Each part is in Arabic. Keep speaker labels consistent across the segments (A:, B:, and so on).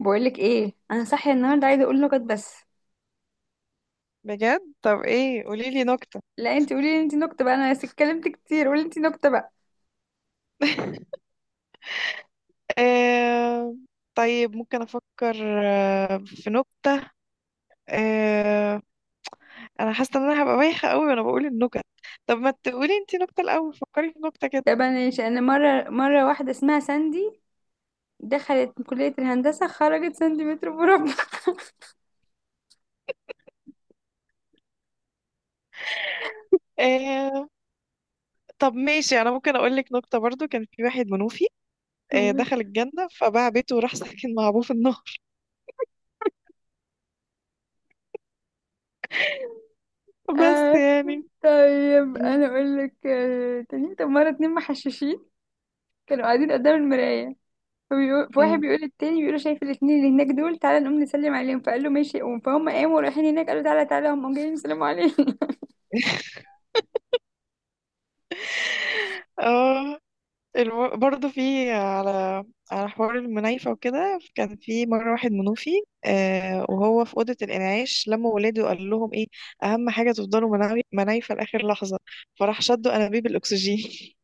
A: بقولك ايه، انا صاحيه النهارده عايزه اقول نكت بس.
B: بجد، طب ايه؟ قوليلي نكتة.
A: لا، انت قولي لي، انت نكته بقى. انا اتكلمت كتير. قولي انت نكته بقى.
B: آه... طيب ممكن افكر. في نكتة. آه... انا حاسة ان انا هبقى بايخة قوي وانا بقول النكت. طب ما تقولي انتي نكتة الاول، فكري في نكتة كده.
A: طب انا ماشي. انا مره واحده اسمها ساندي، دخلت كليه الهندسه خرجت سنتيمتر مربع.
B: آه... طب ماشي، انا ممكن اقولك نكتة. برضو كان في واحد منوفي دخل الجنة فباع بيته وراح ساكن مع ابوه في النار. بس
A: آه،
B: يعني.
A: طيب
B: م-
A: انا اقول لك تاني. طب مره اتنين محششين كانوا قاعدين قدام المرايه، فبيقول فواحد
B: م.
A: بيقول للتاني، بيقول له شايف الاتنين اللي هناك دول؟ تعالى نقوم نسلم عليهم. فقال له ماشي قوم. فهم قاموا رايحين هناك، قالوا تعالى تعالى، هم جايين يسلموا علينا.
B: اه، برضه في على حوار المنايفة وكده. كان في مرة واحد منوفي آه، وهو في أوضة الإنعاش لما ولاده، وقال لهم إيه؟ أهم حاجة تفضلوا منايفة لآخر لحظة. فراح شدوا أنابيب الأكسجين.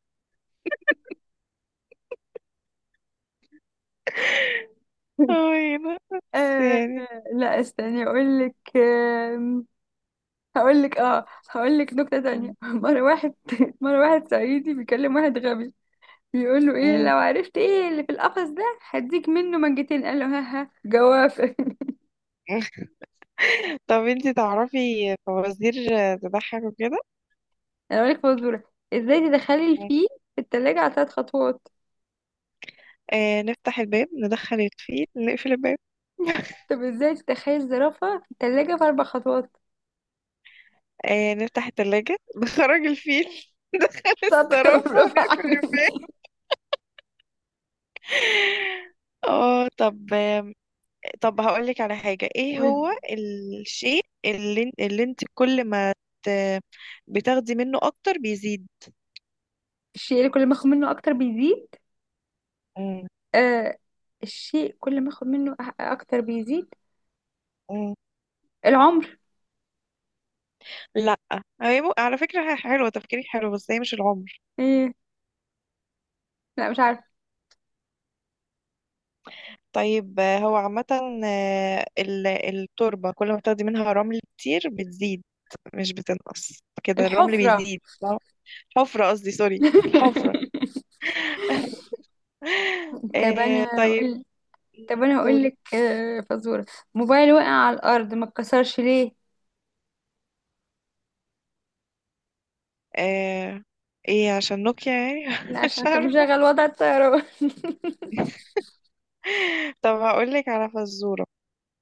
B: أي، بس
A: آه،
B: يعني.
A: لا استني اقول لك. هقول لك نكتة
B: م-
A: تانية. مرة واحد مرة واحد صعيدي بيكلم واحد غبي، بيقول له ايه
B: م.
A: لو عرفت ايه اللي في القفص ده هديك منه منجتين؟ قال له ها ها، جوافة.
B: طب انتي تعرفي فوازير تضحك وكده؟
A: انا اقول لك فزورة، ازاي تدخلي الفيل في التلاجة على 3 خطوات؟
B: آه، نفتح الباب، ندخل الفيل، نقفل الباب.
A: طب ازاي تدخلي الزرافة في التلاجة في 4 خطوات؟
B: آه، نفتح التلاجة، نخرج الفيل، ندخل
A: شاطرة.
B: الصرافة،
A: برافو
B: نقفل
A: عليك.
B: الباب. اه طب. طب هقولك على حاجة. ايه هو الشيء اللي انت كل ما ت... بتاخدي منه اكتر بيزيد؟
A: الشيء اللي كل ما اخد منه اكتر بيزيد.
B: مم.
A: آه، الشيء كل ما اخد منه اكتر بيزيد.
B: مم.
A: العمر.
B: لا، هي على فكرة هي حلوة، تفكيرك حلو، بس هي مش العمر.
A: ايه؟ لا مش عارفه.
B: طيب، هو عامة التربة كل ما بتاخدي منها رمل كتير بتزيد، مش بتنقص كده. الرمل
A: الحفرة.
B: بيزيد صح؟ حفرة، قصدي سوري الحفرة.
A: طب انا
B: طيب.
A: هقول طب انا هقول
B: قولي.
A: لك فزورة. موبايل وقع على الارض ما اتكسرش ليه؟
B: آه. ايه، عشان نوكيا يعني.
A: لا،
B: مش
A: عشان كان
B: عارفة.
A: مشغل وضع الطيران.
B: طب هقولك على فزورة.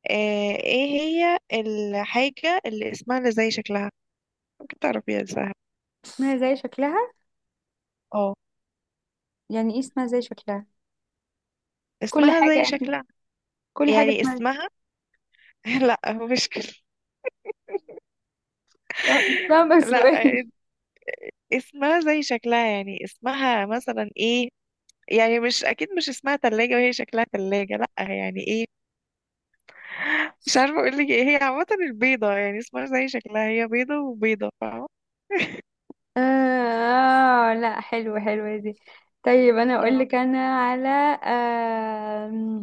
B: آه. ايه هي الحاجة اللي اسمها اللي زي شكلها؟ ممكن تعرفيها، دي سهلة.
A: اسمها زي شكلها؟
B: اه.
A: يعني ايه اسمها زي شكلها؟ كل
B: اسمها زي
A: حاجة،
B: شكلها،
A: كل حاجة
B: يعني
A: اسمها
B: اسمها. لا، مش كده.
A: اسمها
B: لا،
A: سؤال.
B: اسمها زي شكلها يعني اسمها مثلا ايه. يعني مش اكيد مش اسمها تلاجة وهي شكلها تلاجة، لا. يعني ايه؟ مش عارفة اقولك. ايه هي عامة البيضة، يعني اسمها زي شكلها، هي بيضة وبيضة، فاهمة؟
A: آه، لا حلوة حلوة دي. طيب أنا أقول
B: اه
A: لك أنا على آه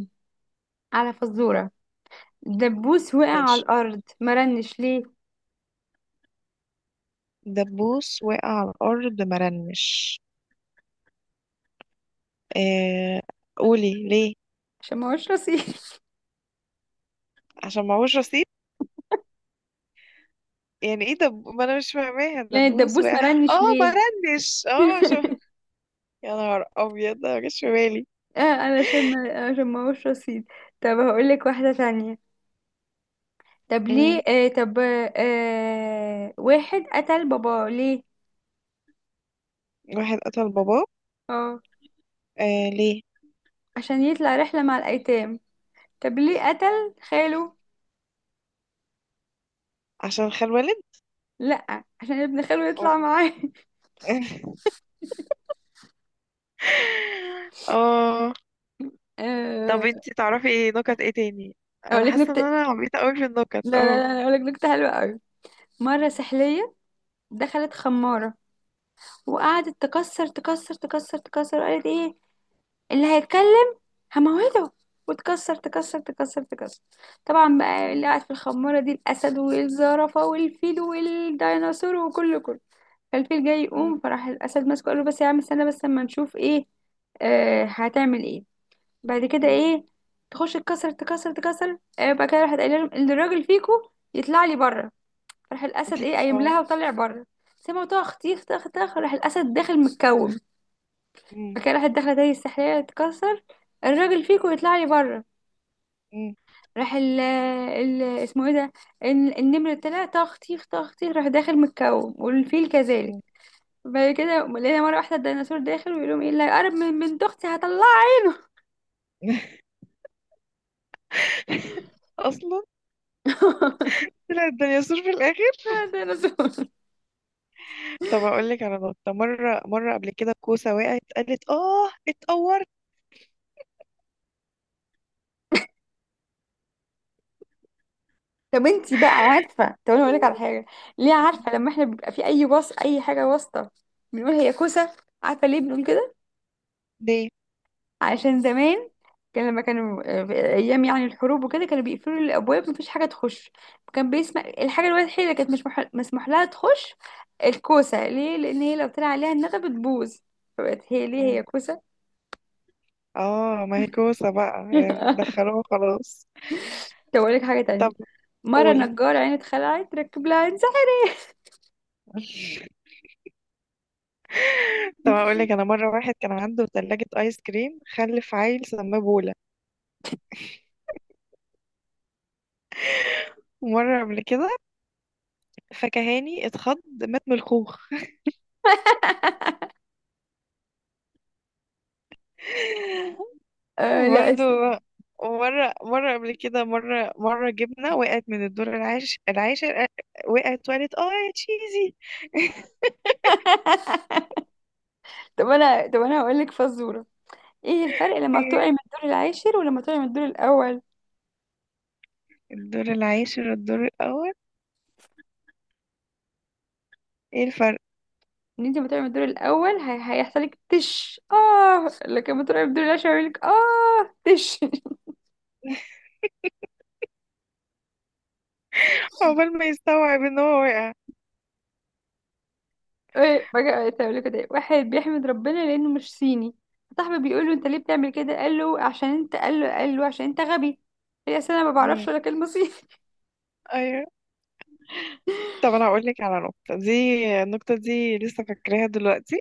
A: على فزورة. دبوس وقع على
B: ماشي.
A: الأرض مرنش ليه؟
B: دبوس وقع على الأرض مرنش. آه، قولي ليه.
A: عشان ما هوش رصيد.
B: عشان معهوش رصيد. يعني ايه؟ دب ما انا مش فاهماها،
A: يعني
B: دبوس
A: الدبوس
B: وقع.
A: ما رنش
B: اه
A: ليه.
B: مرنش، اه عشان. يا نهار ابيض، ده مجاش في بالي.
A: اه، علشان ما هوش رصيد. طب هقول لك واحدة تانية. طب ليه
B: مم.
A: آه طب آه واحد قتل باباه ليه؟
B: واحد قتل باباه.
A: اه،
B: آه ليه؟
A: عشان يطلع رحلة مع الأيتام. طب ليه قتل خاله؟
B: عشان خال والد.
A: لا، عشان ابن خاله
B: اه.
A: يطلع معاه.
B: اه،
A: آه،
B: طب انتي تعرفي ايه نكت ايه تاني؟
A: اقول
B: انا
A: لك
B: حاسه ان انا
A: نكتة.
B: عبيطه قوي في النكت
A: لا لا
B: اه.
A: لا، أنا اقول لك نكتة حلوة قوي. مرة
B: مم.
A: سحلية دخلت خمارة، وقعدت تكسر تكسر تكسر تكسر. قالت ايه اللي هيتكلم هموته. وتكسر تكسر تكسر تكسر. طبعا بقى
B: مم.
A: اللي قاعد في الخمارة دي الأسد والزرافة والفيل والديناصور وكله كله. فالفيل جاي يقوم،
B: مم.
A: فراح الأسد ماسكه، قال له بس يا عم استنى بس اما نشوف ايه هتعمل ايه بعد كده
B: مم.
A: ايه. تخش تكسر تكسر تكسر، آه بعد كده راحت قايله لهم، اللي الراجل فيكو يطلع لي بره. فراح الأسد ايه قايم
B: اه.
A: لها وطلع بره، سمعوا طخ تيخ طخ طخ، راح الأسد داخل متكوم.
B: مم.
A: بعد كده راحت داخلة تاني السحرية تكسر، الراجل فيكو يطلع لي بره.
B: مم.
A: راح ال اسمه ايه ده، النمر طلع، تخطيخ تخطيخ، راح داخل متكوم، والفيل كذلك.
B: مم.
A: بعد كده لقينا مرة واحدة الديناصور داخل ويقول لهم ايه اللي هيقرب من بنت اختي هطلعه.
B: اصلا طلعت الدنيا سور في الاخر.
A: ديناصور.
B: طب اقول لك على نقطه. مره مره قبل كده كوسه وقعت قالت اه اتقورت.
A: طب انتي بقى عارفة؟ طب انا اقولك على حاجة. ليه عارفة لما احنا بيبقى في اي وصف اي حاجة واسطة بنقول هي كوسة؟ عارفة ليه بنقول كده؟
B: ليه؟
A: عشان زمان كان لما كانوا في ايام يعني الحروب وكده كانوا بيقفلوا الابواب، مفيش حاجه تخش. كان بيسمع الحاجه الوحيده اللي كانت مش مح- مسموح لها تخش الكوسه، ليه؟ لان هي لو طلع عليها الندى بتبوظ، فبقت هي ليه
B: مم.
A: هي كوسه.
B: اه، ما هي كوسه بقى يعني دخلوها خلاص.
A: طب اقول لك حاجه تانية.
B: طب
A: مره
B: قولي.
A: نجار عين اتخلعت، ركب لها عنزه.
B: طب اقول لك انا، مره واحد كان عنده ثلاجه ايس كريم خلف عيل سماه بولا. ومره قبل كده فكهاني اتخض، مات من الخوخ.
A: آه، لا
B: وبرضه
A: اسف.
B: مرة مرة قبل كده، مرة مرة جبنة وقعت من الدور العاشر العاشر، وقعت وقالت اه يا تشيزي.
A: طب انا هقول لك فزوره. ايه الفرق لما بتقعي
B: ايه
A: من الدور العاشر ولما تقعي من الدور الاول؟
B: الدور العاشر والدور الاول؟ ايه الفرق؟
A: ان انت لما تقعي من الدور الاول هيحصل لك تش اه، لكن لما تقعي من الدور العاشر هيعمل لك اه تش.
B: عقبال ما يستوعب ان هو وقع.
A: ايه بقى تعمل كده. واحد بيحمد ربنا لانه مش صيني. صاحبه بيقول له انت ليه بتعمل كده؟ قال له عشان انت غبي. هي اصل انا ما بعرفش
B: مم.
A: ولا كلمه صيني.
B: ايوه. طب انا هقول لك على نقطه دي، النقطه دي لسه فاكراها دلوقتي.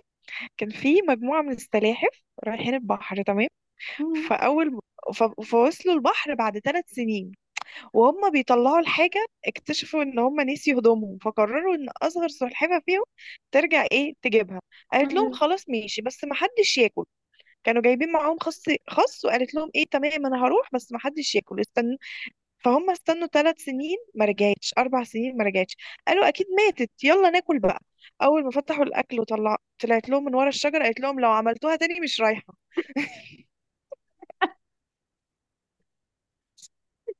B: كان في مجموعه من السلاحف رايحين البحر، تمام؟ فاول، فوصلوا البحر بعد 3 سنين، وهم بيطلعوا الحاجه اكتشفوا ان هم نسيوا هدومهم، فقرروا ان اصغر سلحفه فيهم ترجع ايه تجيبها. قالت لهم خلاص ماشي، بس ما حدش ياكل. كانوا جايبين معاهم خص. خص، وقالت لهم ايه، تمام انا هروح بس ما حدش ياكل استنوا. فهم استنوا 3 سنين ما رجعتش، 4 سنين ما رجعتش. قالوا اكيد ماتت يلا ناكل بقى. اول ما فتحوا الاكل وطلع طلعت لهم من ورا الشجره قالت لهم لو عملتوها تاني مش رايحه.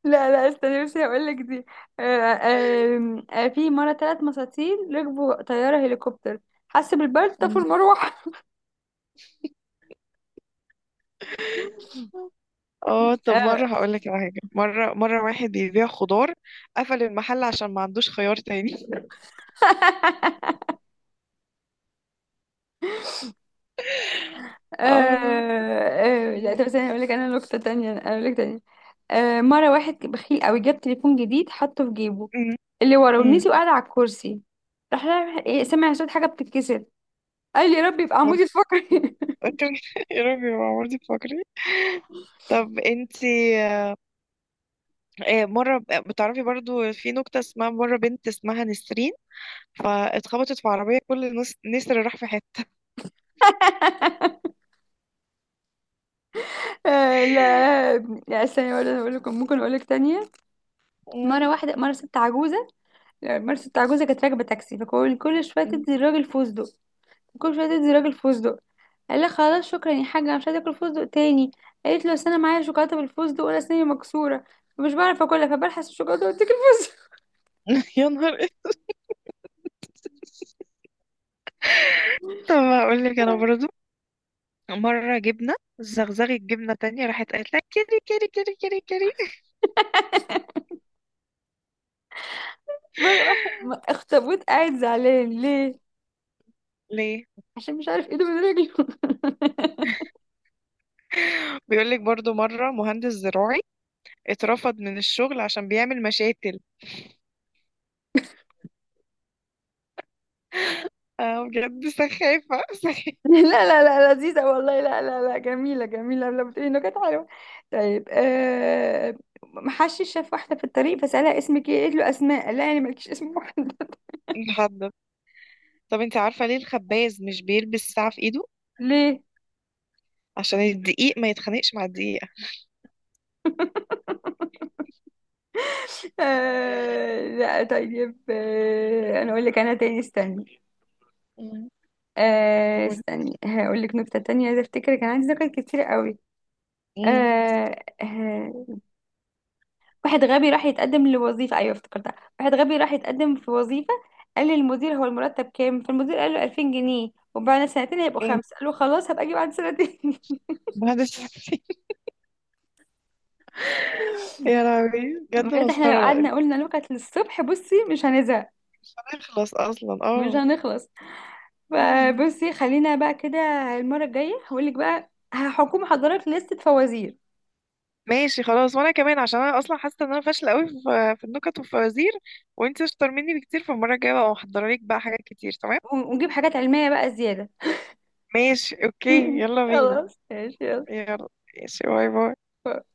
A: لا لا استنى بس هقول لك دي. في مرة 3 مساطيل ركبوا طيارة هليكوبتر، حس بالبرد طفوا
B: مم.
A: المروحة.
B: اه طب،
A: آه.
B: مره هقول لك على حاجه. مره مره واحد بيبيع خضار قفل المحل عشان ما عندوش خيار تاني. اه.
A: لا
B: مم.
A: طب استني اقول لك انا نكته تانية، انا اقول لك تانية. آه، مره واحد بخيل قوي جاب تليفون جديد حطه في جيبه
B: مم.
A: اللي ورا،
B: مم.
A: ونسي وقعد على الكرسي. راح رايح- إيه، سمع صوت حاجه بتتكسر، قال يا رب يبقى عمودي الفقري.
B: يا ربي، يا عمرتي تفكري. طب انتي، مرة بتعرفي برضو في نكتة اسمها، مرة بنت اسمها نسرين فاتخبطت في عربية كل نص نسر راح في حتة.
A: آه، لا لا استني، ولا اقول لكم، ممكن اقول لك تانية. مرة
B: مم.
A: واحدة مرة ست عجوزة لا، مرة ست عجوزة كانت راكبة تاكسي، فكل كل شوية تدي الراجل فستق، كل شوية تدي الراجل فستق. قال لي خلاص شكرا يا حاجه، انا مش عايزه اكل فستق تاني. قالت له اصل انا معايا شوكولاته بالفستق، وانا اسناني مكسوره، فمش بعرف اكلها، فبلحس الشوكولاته واتاكل فستق.
B: يا نهار إيه. طب هقول لك انا برضو، مرة جبنة زغزغت جبنة تانية راحت قالت لك كيري كيري كيري كيري كيري.
A: مره واحده اخطبوط قاعد زعلان، ليه؟
B: ليه؟
A: عشان مش عارف ايده من رجله.
B: بيقول لك برضو، مرة مهندس زراعي اترفض من الشغل عشان بيعمل مشاتل. اه بجد سخافة، سخافة.
A: لا لا لا لذيذه والله، لا لا لا جميله جميله لما بتقولي انه كانت حلوه. طيب آه، محشش شاف واحده في الطريق فسالها اسمك ايه، قالت له اسماء، قال لها يعني مالكيش اسم واحد.
B: لحد. طب انت عارفة ليه الخباز مش بيلبس ساعة في ايده؟
A: ليه.
B: عشان الدقيق ما يتخانقش مع الدقيقة.
A: آه، لا طيب آه، انا اقول لك انا تاني استني
B: مم.
A: آه
B: قولي.
A: استني هقول لك نكتة تانية. عايزة افتكر، كان عندي ذكر كتير قوي.
B: مم.
A: آه آه واحد غبي راح يتقدم لوظيفة، ايوه افتكرتها، واحد غبي راح يتقدم في وظيفة، قال للمدير هو المرتب كام؟ فالمدير قال له 2000 جنيه وبعد سنتين هيبقوا
B: مم.
A: خمسة. قال له خلاص هبقى اجي بعد سنتين.
B: بعد الفنتين. يا لهوي بجد
A: بجد احنا لو
B: مسخرة انت.
A: قعدنا قلنا نكت للصبح بصي مش هنزهق،
B: مش هنخلص اصلا
A: مش
B: اه.
A: هنخلص.
B: مم.
A: فبصي خلينا بقى كده. المرة الجاية هقول لك بقى، هحكم حضرتك لستة فوازير،
B: ماشي خلاص، وانا كمان عشان انا اصلا حاسة ان انا فاشلة قوي في النكت والفوازير. وانت اشطر مني بكتير، فالمرة الجاية بقى محضرة لك بقى حاجات كتير تمام.
A: ونجيب حاجات علمية بقى زيادة.
B: ماشي اوكي يلا بينا.
A: خلاص ماشي يلا.
B: يلا ماشي، باي باي.
A: باي.